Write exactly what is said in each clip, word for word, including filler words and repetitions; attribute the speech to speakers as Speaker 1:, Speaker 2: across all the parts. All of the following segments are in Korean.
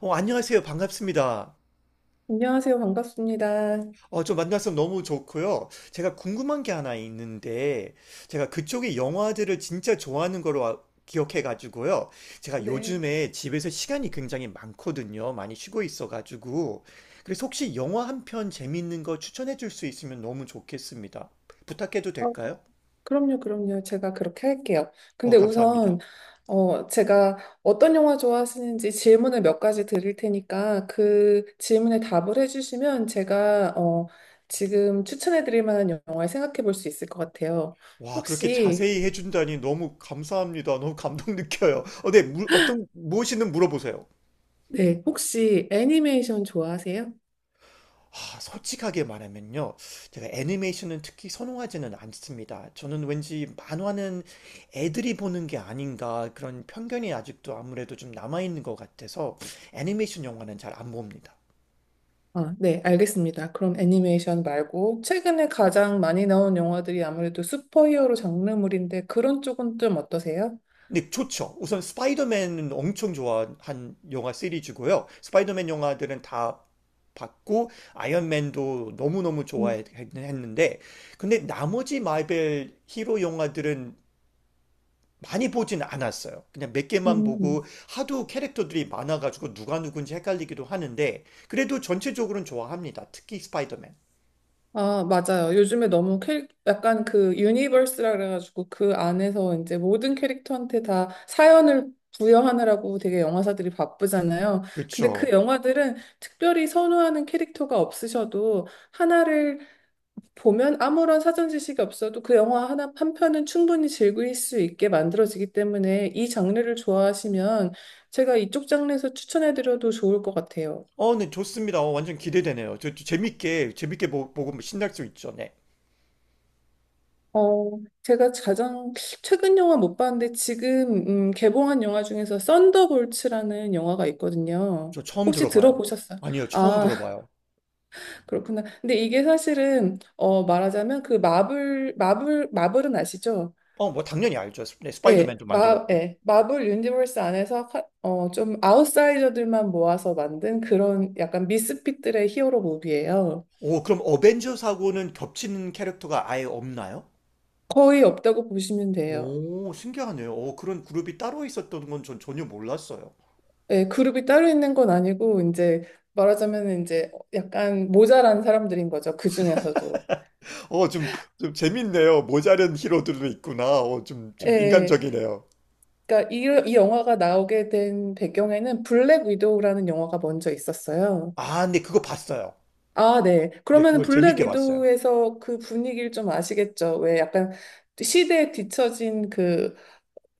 Speaker 1: 어, 안녕하세요. 반갑습니다.
Speaker 2: 안녕하세요. 반갑습니다.
Speaker 1: 어, 좀 만나서 너무 좋고요. 제가 궁금한 게 하나 있는데, 제가 그쪽의 영화들을 진짜 좋아하는 걸로 아- 기억해가지고요. 제가
Speaker 2: 네.
Speaker 1: 요즘에 집에서 시간이 굉장히 많거든요. 많이 쉬고 있어가지고. 그래서 혹시 영화 한 편 재밌는 거 추천해 줄 수 있으면 너무 좋겠습니다. 부탁해도
Speaker 2: 어,
Speaker 1: 될까요?
Speaker 2: 그럼요, 그럼요. 제가 그렇게 할게요.
Speaker 1: 어,
Speaker 2: 근데 우선,
Speaker 1: 감사합니다.
Speaker 2: 어, 제가 어떤 영화 좋아하시는지 질문을 몇 가지 드릴 테니까 그 질문에 답을 해주시면 제가, 어, 지금 추천해 드릴 만한 영화를 생각해 볼 수 있을 것 같아요.
Speaker 1: 와, 그렇게
Speaker 2: 혹시,
Speaker 1: 자세히 해준다니 너무 감사합니다. 너무 감동 느껴요. 어, 네, 물, 어떤, 무엇이든 물어보세요.
Speaker 2: 네, 혹시 애니메이션 좋아하세요?
Speaker 1: 아, 솔직하게 말하면요. 제가 애니메이션은 특히 선호하지는 않습니다. 저는 왠지 만화는 애들이 보는 게 아닌가 그런 편견이 아직도 아무래도 좀 남아있는 것 같아서 애니메이션 영화는 잘 안 봅니다.
Speaker 2: 아, 네, 알겠습니다. 그럼 애니메이션 말고 최근에 가장 많이 나온 영화들이 아무래도 슈퍼히어로 장르물인데 그런 쪽은 좀 어떠세요?
Speaker 1: 근데 좋죠. 우선 스파이더맨은 엄청 좋아한 영화 시리즈고요. 스파이더맨 영화들은 다 봤고 아이언맨도 너무너무
Speaker 2: 음,
Speaker 1: 좋아했는데 근데 나머지 마벨 히로 영화들은 많이 보진 않았어요. 그냥 몇 개만
Speaker 2: 음.
Speaker 1: 보고 하도 캐릭터들이 많아가지고 누가 누군지 헷갈리기도 하는데 그래도 전체적으로는 좋아합니다. 특히 스파이더맨.
Speaker 2: 아, 맞아요. 요즘에 너무 캐릭, 약간 그 유니버스라 그래가지고 그 안에서 이제 모든 캐릭터한테 다 사연을 부여하느라고 되게 영화사들이 바쁘잖아요. 근데 그
Speaker 1: 그렇죠.
Speaker 2: 영화들은 특별히 선호하는 캐릭터가 없으셔도 하나를 보면 아무런 사전 지식이 없어도 그 영화 하나, 한 편은 충분히 즐길 수 있게 만들어지기 때문에 이 장르를 좋아하시면 제가 이쪽 장르에서 추천해드려도 좋을 것 같아요.
Speaker 1: 어, 네, 좋습니다. 어, 완전 기대되네요. 저, 저 재밌게 재밌게 보, 고 신날 수 있죠. 네.
Speaker 2: 어, 제가 가장 최근 영화 못 봤는데 지금 음, 개봉한 영화 중에서 썬더볼츠라는 영화가 있거든요.
Speaker 1: 저 처음
Speaker 2: 혹시
Speaker 1: 들어봐요.
Speaker 2: 들어보셨어요?
Speaker 1: 아니요, 처음
Speaker 2: 아,
Speaker 1: 들어봐요.
Speaker 2: 그렇구나. 근데 이게 사실은 어, 말하자면 그 마블, 마블, 마블은 아시죠?
Speaker 1: 어, 뭐 당연히 알죠. 스- 네,
Speaker 2: 예,
Speaker 1: 스파이더맨도
Speaker 2: 마,
Speaker 1: 만들었고.
Speaker 2: 예, 마블 유니버스 안에서 카- 어, 좀 아웃사이저들만 모아서 만든 그런 약간 미스핏들의 히어로 무비예요.
Speaker 1: 오, 그럼 어벤져스하고는 겹치는 캐릭터가 아예 없나요?
Speaker 2: 거의 없다고 보시면 돼요.
Speaker 1: 오, 신기하네요. 오, 그런 그룹이 따로 있었던 건 전 전혀 몰랐어요.
Speaker 2: 예, 그룹이 따로 있는 건 아니고 이제 말하자면 이제 약간 모자란 사람들인 거죠. 그 중에서도.
Speaker 1: 어, 좀, 좀 재밌네요. 모자른 히로들도 있구나. 어, 좀, 좀
Speaker 2: 예,
Speaker 1: 인간적이네요.
Speaker 2: 그러니까 이, 이 영화가 나오게 된 배경에는 블랙 위도우라는 영화가 먼저 있었어요.
Speaker 1: 아, 네, 그거 봤어요.
Speaker 2: 아, 네.
Speaker 1: 네,
Speaker 2: 그러면
Speaker 1: 그건
Speaker 2: 블랙
Speaker 1: 재밌게 봤어요.
Speaker 2: 위도우에서 그 분위기를 좀 아시겠죠? 왜 약간 시대에 뒤처진 그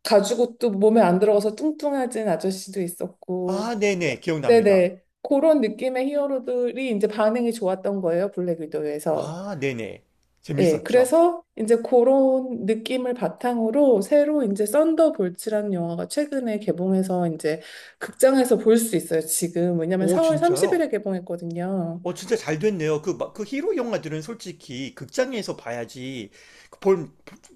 Speaker 2: 가죽 옷도 몸에 안 들어가서 뚱뚱해진 아저씨도 있었고.
Speaker 1: 아, 네네, 기억납니다.
Speaker 2: 네네. 그런 느낌의 히어로들이 이제 반응이 좋았던 거예요, 블랙 위도우에서.
Speaker 1: 아, 네네.
Speaker 2: 예,
Speaker 1: 재밌었죠.
Speaker 2: 그래서 이제 그런 느낌을 바탕으로 새로 이제 썬더볼츠라는 영화가 최근에 개봉해서 이제 극장에서 볼 수 있어요, 지금. 왜냐면
Speaker 1: 오,
Speaker 2: 사 월
Speaker 1: 진짜요?
Speaker 2: 삼십 일에 개봉했거든요.
Speaker 1: 어, 진짜 잘 됐네요. 그, 막- 그 히로 영화들은 솔직히 극장에서 봐야지, 그 볼,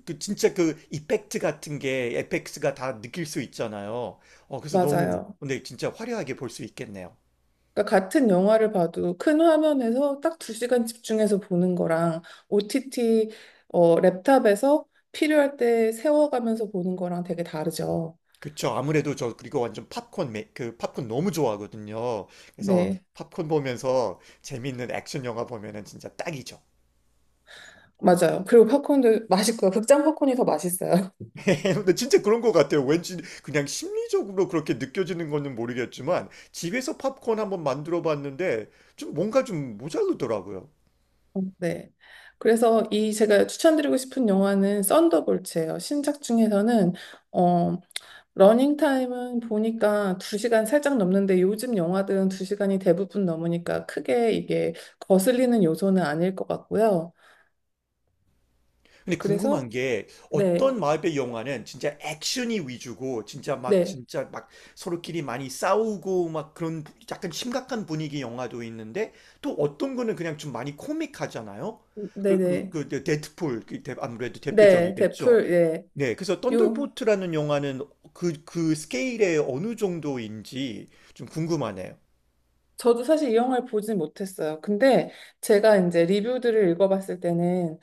Speaker 1: 그 진짜 그 이펙트 같은 게, 에펙스가 다 느낄 수 있잖아요. 어, 그래서 너무,
Speaker 2: 맞아요.
Speaker 1: 근데 진짜 화려하게 볼 수 있겠네요.
Speaker 2: 그러니까 같은 영화를 봐도 큰 화면에서 딱 두 시간 집중해서 보는 거랑 오 티 티 어, 랩탑에서 필요할 때 세워가면서 보는 거랑 되게 다르죠.
Speaker 1: 그쵸. 아무래도 저 그리고 완전 팝콘 매, 그 팝콘 너무 좋아하거든요. 그래서
Speaker 2: 네,
Speaker 1: 팝콘 보면서 재밌는 액션 영화 보면은 진짜 딱이죠.
Speaker 2: 맞아요. 그리고 팝콘도 맛있고요. 극장 팝콘이 더 맛있어요.
Speaker 1: 근데 진짜 그런 것 같아요. 왠지 그냥 심리적으로 그렇게 느껴지는 거는 모르겠지만 집에서 팝콘 한번 만들어 봤는데 좀 뭔가 좀 모자르더라고요.
Speaker 2: 네. 그래서 이 제가 추천드리고 싶은 영화는 썬더볼츠예요. 신작 중에서는 어, 러닝 타임은 보니까 두 시간 살짝 넘는데 요즘 영화들은 두 시간이 대부분 넘으니까 크게 이게 거슬리는 요소는 아닐 것 같고요.
Speaker 1: 근데
Speaker 2: 그래서
Speaker 1: 궁금한 게
Speaker 2: 네,
Speaker 1: 어떤 마법의 영화는 진짜 액션이 위주고 진짜 막
Speaker 2: 네,
Speaker 1: 진짜 막 서로끼리 많이 싸우고 막 그런 약간 심각한 분위기 영화도 있는데 또 어떤 거는 그냥 좀 많이 코믹하잖아요.
Speaker 2: 음, 네,
Speaker 1: 그, 그,
Speaker 2: 네,
Speaker 1: 그, 데- 데드풀, 그 대- 아무래도
Speaker 2: 네,
Speaker 1: 대표적이겠죠.
Speaker 2: 대풀, 예,
Speaker 1: 네, 그래서
Speaker 2: 요,
Speaker 1: 썬더볼트라는 영화는 그, 그 스케일의 어느 정도인지 좀 궁금하네요.
Speaker 2: 저도 사실 이 영화를 보진 못했어요. 근데 제가 이제 리뷰들을 읽어봤을 때는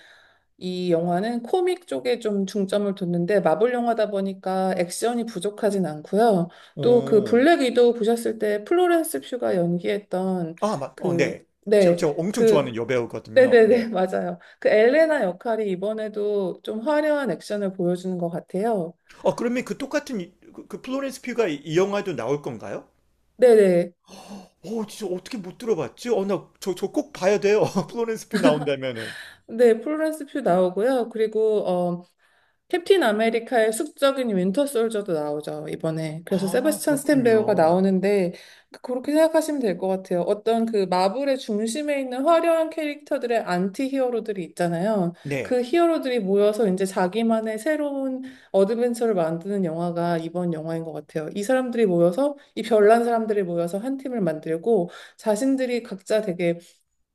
Speaker 2: 이 영화는 코믹 쪽에 좀 중점을 뒀는데 마블 영화다 보니까 액션이 부족하진 않고요. 또 그
Speaker 1: 오,
Speaker 2: 블랙 위도우 보셨을 때 플로렌스 퓨가 연기했던
Speaker 1: 아, 맞, 어, 네.
Speaker 2: 그,
Speaker 1: 제가,
Speaker 2: 네,
Speaker 1: 제가 엄청 좋아하는
Speaker 2: 그,
Speaker 1: 여배우거든요. 네.
Speaker 2: 네네네, 맞아요. 그 엘레나 역할이 이번에도 좀 화려한 액션을 보여주는 것 같아요.
Speaker 1: 어, 그러면 그 똑같은 이- 그, 그 플로렌스 피가 이, 이 영화도 나올 건가요?
Speaker 2: 네네.
Speaker 1: 어, 진짜 어떻게 못 들어봤지? 어, 나 저, 저 꼭 봐야 돼요. 플로렌스 피 나온다면은.
Speaker 2: 네, 플로렌스 퓨 나오고요. 그리고, 어, 캡틴 아메리카의 숙적인 윈터 솔저도 나오죠, 이번에. 그래서
Speaker 1: 아,
Speaker 2: 세바스찬 스탠 배우가
Speaker 1: 그렇군요.
Speaker 2: 나오는데, 그렇게 생각하시면 될 것 같아요. 어떤 그 마블의 중심에 있는 화려한 캐릭터들의 안티 히어로들이 있잖아요.
Speaker 1: 네.
Speaker 2: 그 히어로들이 모여서 이제 자기만의 새로운 어드벤처를 만드는 영화가 이번 영화인 것 같아요. 이 사람들이 모여서, 이 별난 사람들이 모여서 한 팀을 만들고, 자신들이 각자 되게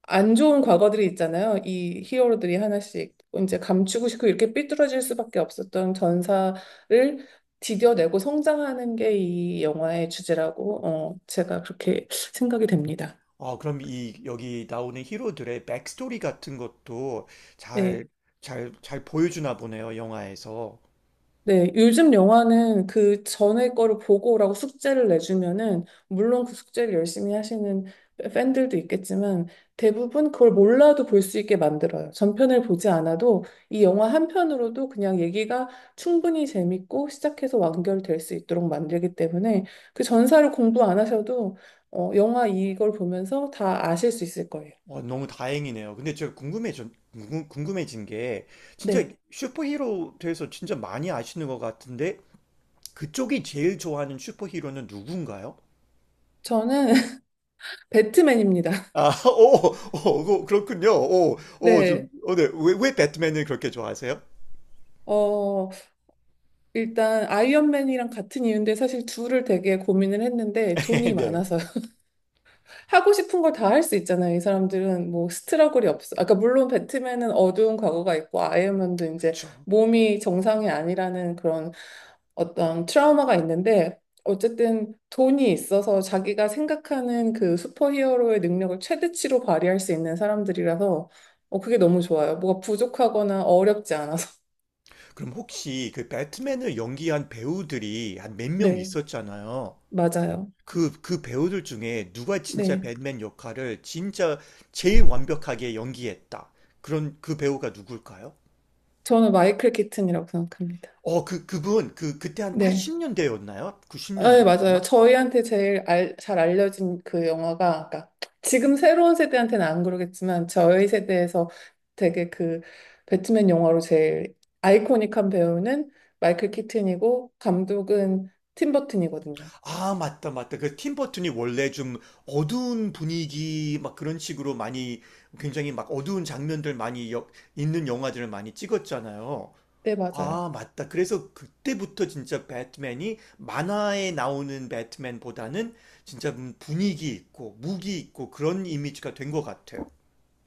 Speaker 2: 안 좋은 과거들이 있잖아요. 이 히어로들이 하나씩 이제 감추고 싶고 이렇게 삐뚤어질 수밖에 없었던 전사를 디뎌내고 성장하는 게 이 영화의 주제라고 어, 제가 그렇게 생각이 됩니다.
Speaker 1: 어, 그럼 이 여기 나오는 히로들의 백스토리 같은 것도
Speaker 2: 네.
Speaker 1: 잘, 잘, 잘 보여주나 보네요, 영화에서.
Speaker 2: 네, 요즘 영화는 그 전에 거를 보고 오라고 숙제를 내주면은, 물론 그 숙제를 열심히 하시는 팬들도 있겠지만, 대부분 그걸 몰라도 볼 수 있게 만들어요. 전편을 보지 않아도 이 영화 한 편으로도 그냥 얘기가 충분히 재밌고 시작해서 완결될 수 있도록 만들기 때문에 그 전사를 공부 안 하셔도, 어, 영화 이걸 보면서 다 아실 수 있을 거예요.
Speaker 1: 어, 너무 다행이네요. 근데 제가 궁금해져, 궁금- 궁금해진 게, 진짜
Speaker 2: 네.
Speaker 1: 슈퍼히로 돼서 진짜 많이 아시는 것 같은데, 그쪽이 제일 좋아하는 슈퍼히로는 누군가요?
Speaker 2: 저는 배트맨입니다.
Speaker 1: 아, 오, 오, 그- 그렇군요. 오, 오, 좀,
Speaker 2: 네.
Speaker 1: 어, 네. 왜, 왜 배트맨을 그렇게 좋아하세요?
Speaker 2: 어, 일단 아이언맨이랑 같은 이유인데 사실 둘을 되게 고민을 했는데 돈이
Speaker 1: 네,
Speaker 2: 많아서 하고 싶은 걸 다 할 수 있잖아요. 이 사람들은 뭐 스트러글이 없어. 아까 물론 배트맨은 어두운 과거가 있고 아이언맨도 이제
Speaker 1: 그쵸.
Speaker 2: 몸이 정상이 아니라는 그런 어떤 트라우마가 있는데 어쨌든 돈이 있어서 자기가 생각하는 그 슈퍼히어로의 능력을 최대치로 발휘할 수 있는 사람들이라서 어, 그게 너무 좋아요. 뭐가 부족하거나 어렵지 않아서.
Speaker 1: 그럼 혹시 그 배트맨을 연기한 배우들이 한 몇 명
Speaker 2: 네,
Speaker 1: 있었잖아요.
Speaker 2: 맞아요.
Speaker 1: 그, 그 배우들 중에 누가 진짜
Speaker 2: 네.
Speaker 1: 배트맨 역할을 진짜 제일 완벽하게 연기했다. 그런 그 배우가 누굴까요?
Speaker 2: 저는 마이클 키튼이라고 생각합니다.
Speaker 1: 어, 그, 그분, 그, 그때 한
Speaker 2: 네.
Speaker 1: 팔십 년대였나요?
Speaker 2: 아, 네, 맞아요.
Speaker 1: 구십 년대였나?
Speaker 2: 저희한테 제일 알, 잘 알려진 그 영화가, 그러니까 지금 새로운 세대한테는 안 그러겠지만, 저희 세대에서 되게 그 배트맨 영화로 제일 아이코닉한 배우는 마이클 키튼이고, 감독은 팀 버튼이거든요.
Speaker 1: 아, 맞다, 맞다. 그 팀버튼이 원래 좀 어두운 분위기 막 그런 식으로 많이 굉장히 막 어두운 장면들 많이 여- 있는 영화들을 많이 찍었잖아요.
Speaker 2: 네, 맞아요.
Speaker 1: 아, 맞다. 그래서 그때부터 진짜 배트맨이 만화에 나오는 배트맨보다는 진짜 분위기 있고 무기 있고 그런 이미지가 된 것 같아요.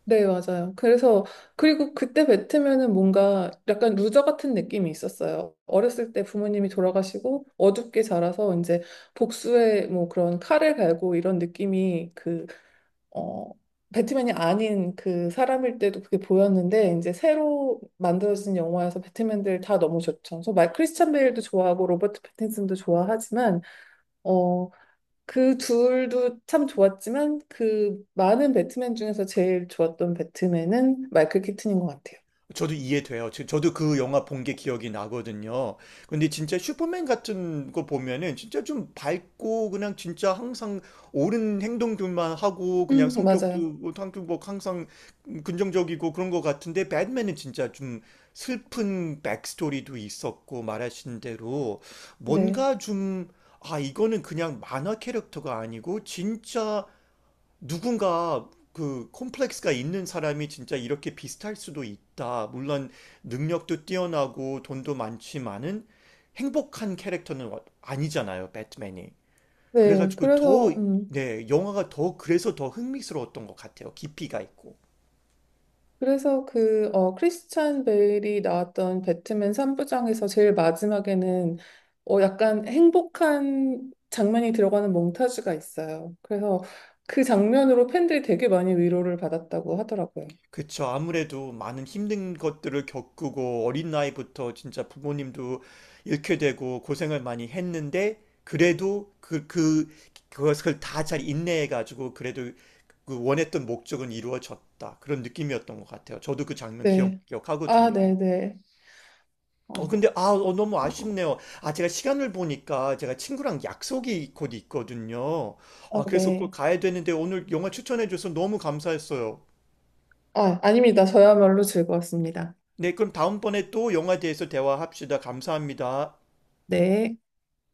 Speaker 2: 네, 맞아요. 그래서, 그리고 그때 뱉으면은 뭔가 약간 루저 같은 느낌이 있었어요. 어렸을 때 부모님이 돌아가시고 어둡게 자라서 이제 복수의 뭐 그런 칼을 갈고 이런 느낌이 그, 어, 배트맨이 아닌 그 사람일 때도 그게 보였는데 이제 새로 만들어진 영화에서 배트맨들 다 너무 좋죠. 그래서 말 크리스찬 베일도 좋아하고 로버트 패틴슨도 좋아하지만 어, 그 둘도 참 좋았지만 그 많은 배트맨 중에서 제일 좋았던 배트맨은 마이클 키튼인 것 같아요.
Speaker 1: 저도 이해돼요. 지- 저도 그 영화 본 게 기억이 나거든요. 근데 진짜 슈퍼맨 같은 거 보면은 진짜 좀 밝고 그냥 진짜 항상 옳은 행동들만 하고 그냥
Speaker 2: 음,
Speaker 1: 성격도
Speaker 2: 맞아요.
Speaker 1: 뭐 항상 뭐 항상 긍정적이고 그런 것 같은데 배트맨은 진짜 좀 슬픈 백스토리도 있었고 말하신 대로
Speaker 2: 네.
Speaker 1: 뭔가 좀 아, 이거는 그냥 만화 캐릭터가 아니고 진짜 누군가 그 콤플렉스가 있는 사람이 진짜 이렇게 비슷할 수도 있다. 물론 능력도 뛰어나고 돈도 많지만은 행복한 캐릭터는 와- 아니잖아요, 배트맨이.
Speaker 2: 네.
Speaker 1: 그래가지고 더,
Speaker 2: 그래서, 음.
Speaker 1: 네, 영화가 더, 그래서 더 흥미스러웠던 것 같아요. 깊이가 있고.
Speaker 2: 그래서 그, 어, 크리스찬 베일이 나왔던 배트맨 삼부작에서 제일 마지막에는, 어, 약간 행복한 장면이 들어가는 몽타주가 있어요. 그래서 그 장면으로 팬들이 되게 많이 위로를 받았다고 하더라고요.
Speaker 1: 그쵸. 아무래도 많은 힘든 것들을 겪고 어린 나이부터 진짜 부모님도 잃게 되고 고생을 많이 했는데 그래도 그, 그, 그것을 다 잘 인내해가지고 그래도 그 원했던 목적은 이루어졌다. 그런 느낌이었던 것 같아요. 저도 그 장면 기억,
Speaker 2: 네. 아,
Speaker 1: 기억하거든요.
Speaker 2: 네네.
Speaker 1: 어,
Speaker 2: 어,
Speaker 1: 근데, 아, 어, 너무 아쉽네요. 아, 제가 시간을 보니까 제가 친구랑 약속이 곧 있거든요.
Speaker 2: 어,
Speaker 1: 아, 그래서 그
Speaker 2: 네.
Speaker 1: 가야 되는데 오늘 영화 추천해줘서 너무 감사했어요.
Speaker 2: 아, 아닙니다. 저야말로 즐거웠습니다.
Speaker 1: 네, 그럼 다음번에 또 영화에 대해서 대화합시다. 감사합니다.
Speaker 2: 네.